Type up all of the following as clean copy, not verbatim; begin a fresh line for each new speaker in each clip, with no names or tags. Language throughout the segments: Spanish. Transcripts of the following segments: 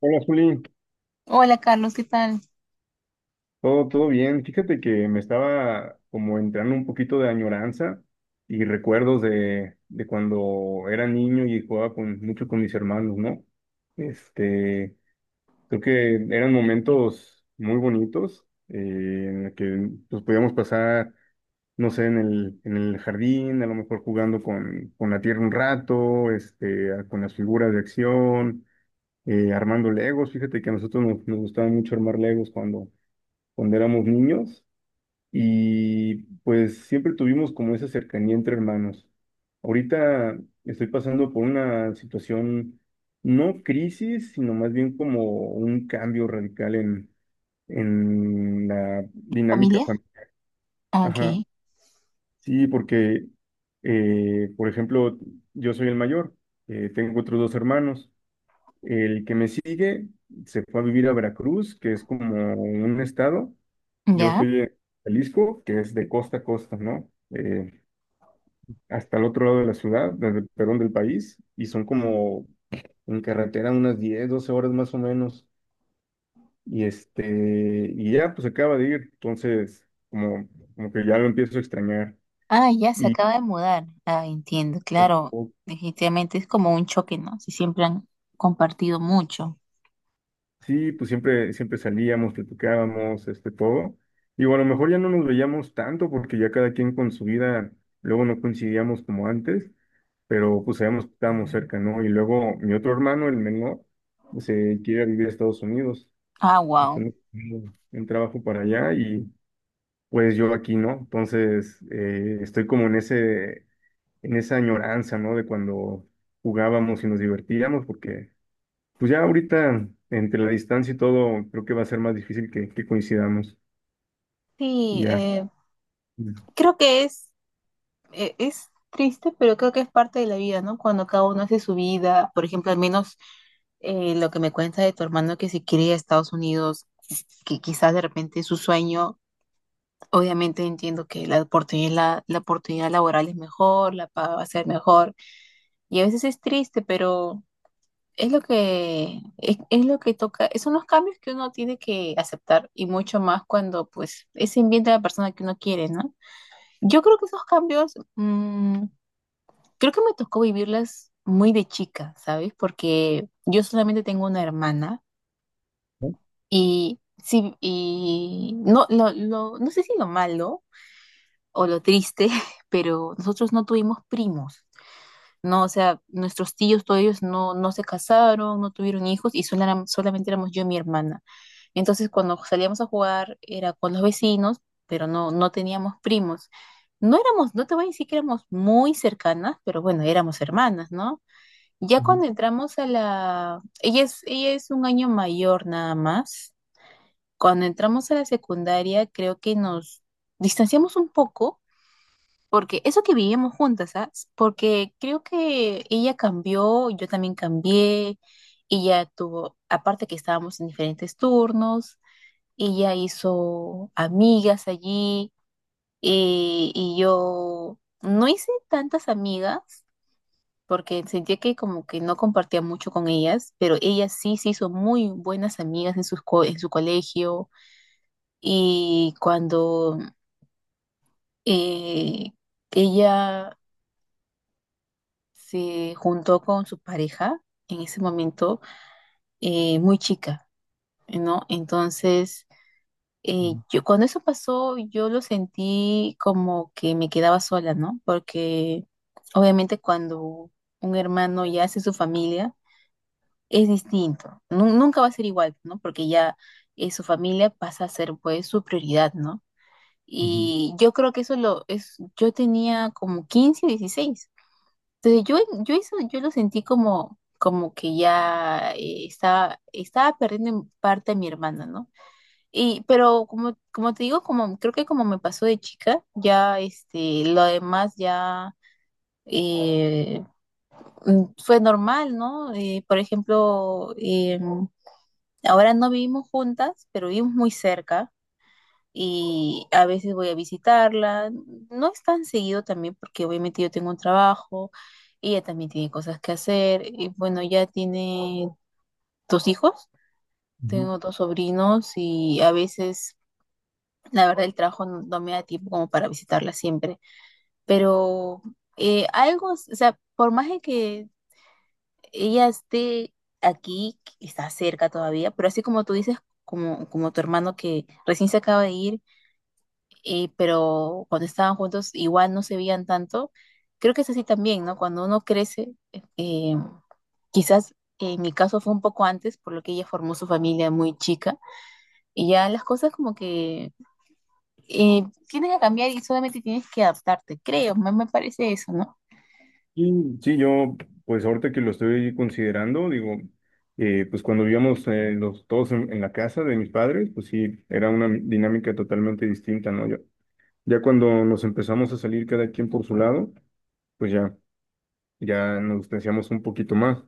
Hola, Juli.
Hola Carlos, ¿qué tal?
Todo, todo bien. Fíjate que me estaba como entrando un poquito de añoranza y recuerdos de cuando era niño y jugaba mucho con mis hermanos, ¿no? Este, creo que eran momentos muy bonitos en el que pues, podíamos pasar, no sé, en el jardín, a lo mejor jugando con la tierra un rato, con las figuras de acción, armando Legos. Fíjate que a nosotros nos gustaba mucho armar Legos cuando éramos niños y pues siempre tuvimos como esa cercanía entre hermanos. Ahorita estoy pasando por una situación, no crisis, sino más bien como un cambio radical en la dinámica.
¿Familia?
familiar.
Ah, ok,
Ajá, sí, porque, por ejemplo, yo soy el mayor, tengo otros dos hermanos. El que me sigue se fue a vivir a Veracruz, que es como un estado. Yo
ya.
estoy en Jalisco, que es de costa a costa, ¿no? Hasta el otro lado de la ciudad, desde el perdón del país, y son como en carretera unas 10, 12 horas más o menos. Y y ya pues acaba de ir, entonces como que ya lo empiezo a extrañar.
Ah, ya se
Y
acaba de mudar. Ah, entiendo, claro. Definitivamente es como un choque, ¿no? Si siempre han compartido mucho.
sí, pues siempre, siempre salíamos, platicábamos, todo. Digo, a lo mejor ya no nos veíamos tanto porque ya cada quien con su vida, luego no coincidíamos como antes, pero pues sabíamos que estábamos cerca, ¿no? Y luego mi otro hermano, el menor, se quiere vivir a Estados Unidos,
Ah, wow.
después en trabajo para allá y pues yo aquí, ¿no? Entonces, estoy como en esa añoranza, ¿no? De cuando jugábamos y nos divertíamos porque pues ya ahorita, entre la distancia y todo, creo que va a ser más difícil que coincidamos.
Sí,
Ya. Ujú,
creo que es triste, pero creo que es parte de la vida, ¿no? Cuando cada uno hace su vida, por ejemplo, al menos lo que me cuenta de tu hermano que se quiere ir a Estados Unidos, que quizás de repente es su sueño, obviamente entiendo que la oportunidad, la oportunidad laboral es mejor, la paga va a ser mejor, y a veces es triste, pero es lo que toca, son los cambios que uno tiene que aceptar y mucho más cuando pues es ambiente de la persona que uno quiere, ¿no? Yo creo que esos cambios, creo que me tocó vivirlas muy de chica, ¿sabes? Porque yo solamente tengo una hermana y, sí, y no, no sé si lo malo o lo triste, pero nosotros no tuvimos primos. No, o sea, nuestros tíos, todos ellos no, no se casaron, no tuvieron hijos y solamente éramos yo y mi hermana. Entonces, cuando salíamos a jugar era con los vecinos, pero no, no teníamos primos. No éramos, no te voy a decir que éramos muy cercanas, pero bueno, éramos hermanas, ¿no? Ya
ujú,
cuando entramos a la... ella es un año mayor nada más. Cuando entramos a la secundaria, creo que nos distanciamos un poco porque eso que vivíamos juntas, ¿sabes? Porque creo que ella cambió, yo también cambié, ella tuvo, aparte que estábamos en diferentes turnos, ella hizo amigas allí y yo no hice tantas amigas porque sentía que como que no compartía mucho con ellas, pero ella sí se hizo muy buenas amigas en en su colegio y cuando eh, ella se juntó con su pareja en ese momento, muy chica, ¿no? Entonces, yo cuando eso pasó, yo lo sentí como que me quedaba sola, ¿no? Porque obviamente cuando un hermano ya hace su familia, es distinto, nunca va a ser igual, ¿no? Porque ya su familia pasa a ser pues su prioridad, ¿no?
ujú,
Y yo creo que eso lo es, yo tenía como 15, 16. Entonces, eso, yo lo sentí como, como que ya estaba, estaba perdiendo en parte a mi hermana, ¿no? Y, pero como, como te digo, como creo que como me pasó de chica, ya este, lo demás ya eh, fue normal, ¿no? Por ejemplo, ahora no vivimos juntas, pero vivimos muy cerca y a veces voy a visitarla. No es tan seguido también porque obviamente yo tengo un trabajo, ella también tiene cosas que hacer y bueno, ya tiene dos hijos,
ujú.
tengo dos sobrinos y a veces la verdad el trabajo no, no me da tiempo como para visitarla siempre, pero algo, o sea, por más de que ella esté aquí, está cerca todavía, pero así como tú dices, como, como tu hermano que recién se acaba de pero cuando estaban juntos igual no se veían tanto. Creo que es así también, ¿no? Cuando uno crece, eh, quizás en mi caso fue un poco antes, por lo que ella formó su familia muy chica, y ya las cosas como que tienen que cambiar y solamente tienes que adaptarte, creo, me parece eso, ¿no?
Y sí, yo, pues ahorita que lo estoy considerando, digo, pues cuando vivíamos todos en la casa de mis padres, pues sí, era una dinámica totalmente distinta, ¿no? Ya, ya cuando nos empezamos a salir cada quien por su lado, pues ya, nos distanciamos un poquito más.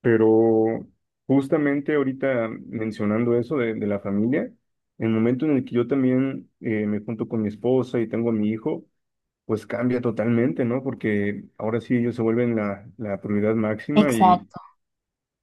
Pero justamente ahorita mencionando eso de la familia, el momento en el que yo también me junto con mi esposa y tengo a mi hijo, pues cambia totalmente, ¿no? Porque ahora sí ellos se vuelven la prioridad máxima y,
Exacto,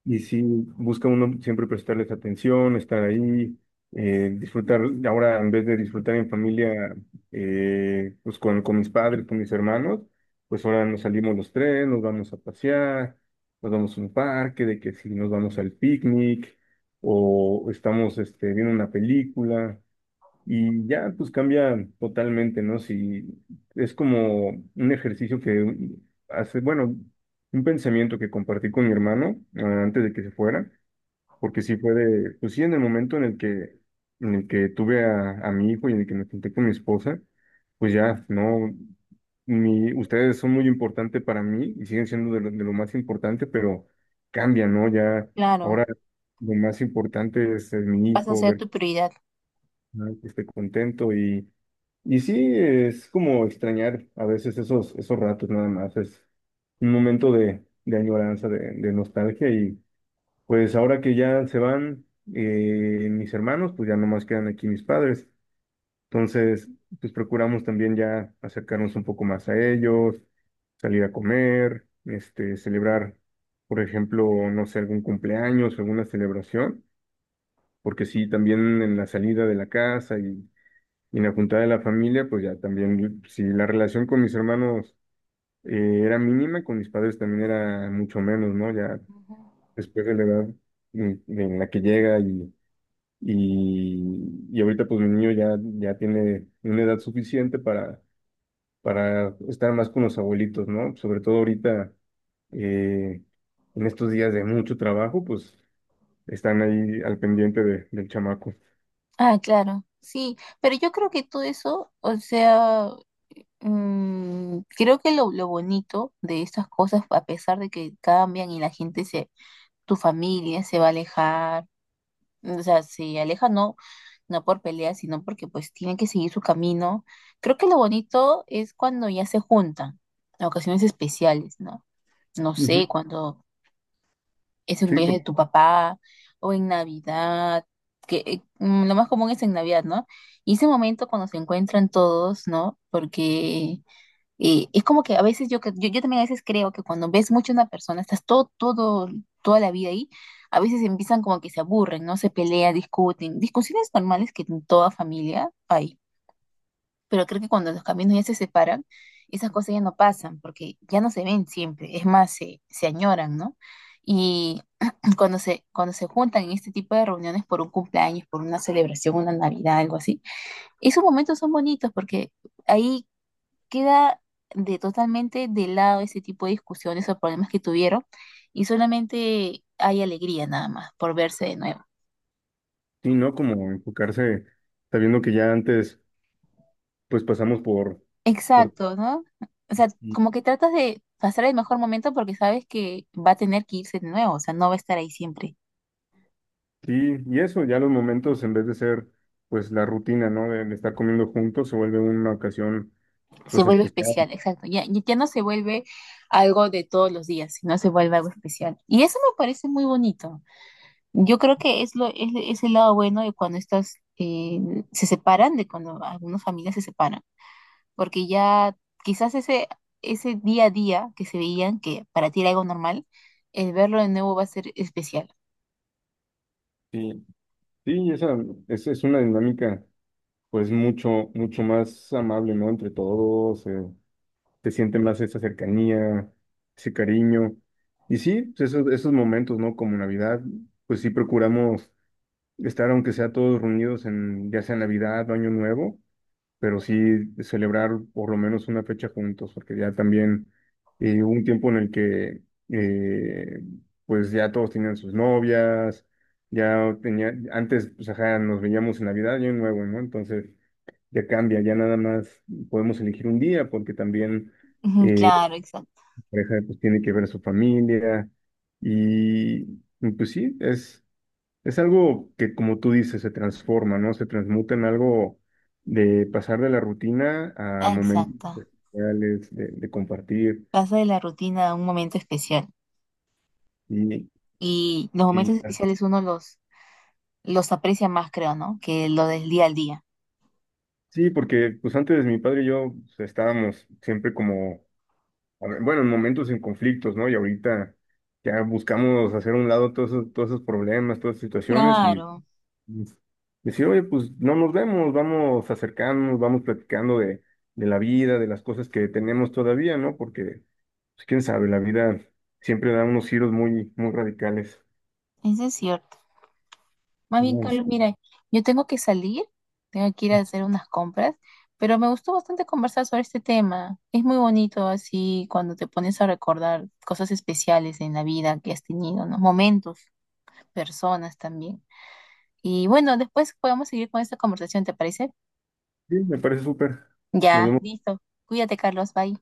y sí, busca uno siempre prestarles atención, estar ahí, disfrutar, ahora en vez de disfrutar en familia, pues con mis padres, con mis hermanos, pues ahora nos salimos los tres, nos vamos a pasear, nos vamos a un parque, de que si nos vamos al picnic, o estamos viendo una película, y ya pues cambia totalmente, ¿no? Si es como un ejercicio que hace, bueno, un pensamiento que compartí con mi hermano antes de que se fuera, porque sí fue pues sí, en el momento en el que tuve a mi hijo y en el que me junté con mi esposa, pues ya, no, ustedes son muy importantes para mí y siguen siendo de lo más importante, pero cambia, ¿no? Ya,
claro,
ahora lo más importante es, mi
vas a
hijo,
ser
ver
tu prioridad.
que esté contento y sí, es como extrañar a veces esos ratos nada más. Es un momento de añoranza, de nostalgia. Y pues ahora que ya se van mis hermanos, pues ya nomás quedan aquí mis padres. Entonces, pues procuramos también ya acercarnos un poco más a ellos, salir a comer, celebrar, por ejemplo, no sé, algún cumpleaños, alguna celebración. Porque sí, también en la salida de la casa y en la juntada de la familia, pues ya también, si la relación con mis hermanos era mínima, con mis padres también era mucho menos, ¿no? Ya después de la edad en la que llega y ahorita pues mi niño ya tiene una edad suficiente para estar más con los abuelitos, ¿no? Sobre todo ahorita, eh, en estos días de mucho trabajo, pues están ahí al pendiente del chamaco.
Ah, claro, sí, pero yo creo que todo eso, o sea, creo que lo bonito de estas cosas, a pesar de que cambian y la gente se, tu familia se va a alejar, o sea, se aleja no, no por peleas, sino porque pues tienen que seguir su camino. Creo que lo bonito es cuando ya se juntan, en ocasiones especiales, ¿no? No
Ujú.
sé, cuando es el
Sí,
cumpleaños de tu papá o en Navidad, que lo más común es en Navidad, ¿no? Y ese momento cuando se encuentran todos, ¿no? Porque y es como que a veces yo también a veces creo que cuando ves mucho a una persona, estás todo, todo, toda la vida ahí, a veces empiezan como que se aburren, ¿no? Se pelean, discuten, discusiones normales que en toda familia hay. Pero creo que cuando los caminos ya se separan, esas cosas ya no pasan, porque ya no se ven siempre, es más, se añoran, ¿no? Y cuando se juntan en este tipo de reuniones por un cumpleaños, por una celebración, una Navidad, algo así, esos momentos son bonitos porque ahí queda de totalmente de lado ese tipo de discusiones o problemas que tuvieron y solamente hay alegría nada más por verse de nuevo.
sí, ¿no? Como enfocarse, sabiendo que ya antes pues pasamos por
Exacto, ¿no? O sea,
ti
como que tratas de pasar el mejor momento porque sabes que va a tener que irse de nuevo, o sea, no va a estar ahí siempre.
y eso, ya los momentos en vez de ser pues la rutina, ¿no? De estar comiendo juntos se vuelve una ocasión
Se
pues
vuelve
especial.
especial, exacto. Ya, ya no se vuelve algo de todos los días, sino se vuelve algo especial. Y eso me parece muy bonito. Yo creo que es, lo, es el lado bueno de cuando estas se separan, de cuando algunas familias se separan. Porque ya quizás ese, ese día a día que se veían, que para ti era algo normal, el verlo de nuevo va a ser especial.
Sí, sí, esa es una dinámica pues mucho, mucho más amable, ¿no? Entre todos, se siente más esa cercanía, ese cariño. Y sí, pues, esos momentos, ¿no? Como Navidad, pues sí procuramos estar aunque sea todos reunidos en ya sea Navidad o Año Nuevo, pero sí celebrar por lo menos una fecha juntos, porque ya también hubo un tiempo en el que eh, pues ya todos tenían sus novias, ya tenía, antes pues ajá, nos veíamos en Navidad y Año Nuevo, ¿no? Entonces ya cambia, ya nada más podemos elegir un día, porque también
Ujú,
eh,
claro, exacto.
la pareja pues tiene que ver a su familia y, pues sí, Es algo que, como tú dices, se transforma, ¿no? Se transmuta en algo de pasar de la rutina a
Ah,
momentos
exacto.
reales, de compartir.
Pasa de la rutina a un momento especial.
Y
Y los
sí,
momentos
ya.
especiales uno los aprecia más, creo, ¿no? Que lo del día al día.
Sí, porque pues antes mi padre y yo pues, estábamos siempre como, a ver, bueno, en momentos en conflictos, ¿no? Y ahorita ya buscamos hacer a un lado todos esos problemas, todas esas situaciones y
Claro,
pues, decir, oye, pues no nos vemos, vamos acercándonos, vamos platicando de la vida, de las cosas que tenemos todavía, ¿no? Porque Pues, quién sabe, la vida siempre da unos giros muy, muy radicales.
eso es cierto. Más bien,
Bueno,
Carlos, mira, yo tengo que salir, tengo que ir a hacer unas compras, pero me gustó bastante conversar sobre este tema. Es muy bonito así cuando te pones a recordar cosas especiales en la vida que has tenido, ¿no? Momentos, personas también. Y bueno, después podemos seguir con esta conversación, ¿te parece?
sí, me parece súper. Nos
Ya,
vemos.
listo. Cuídate, Carlos, bye.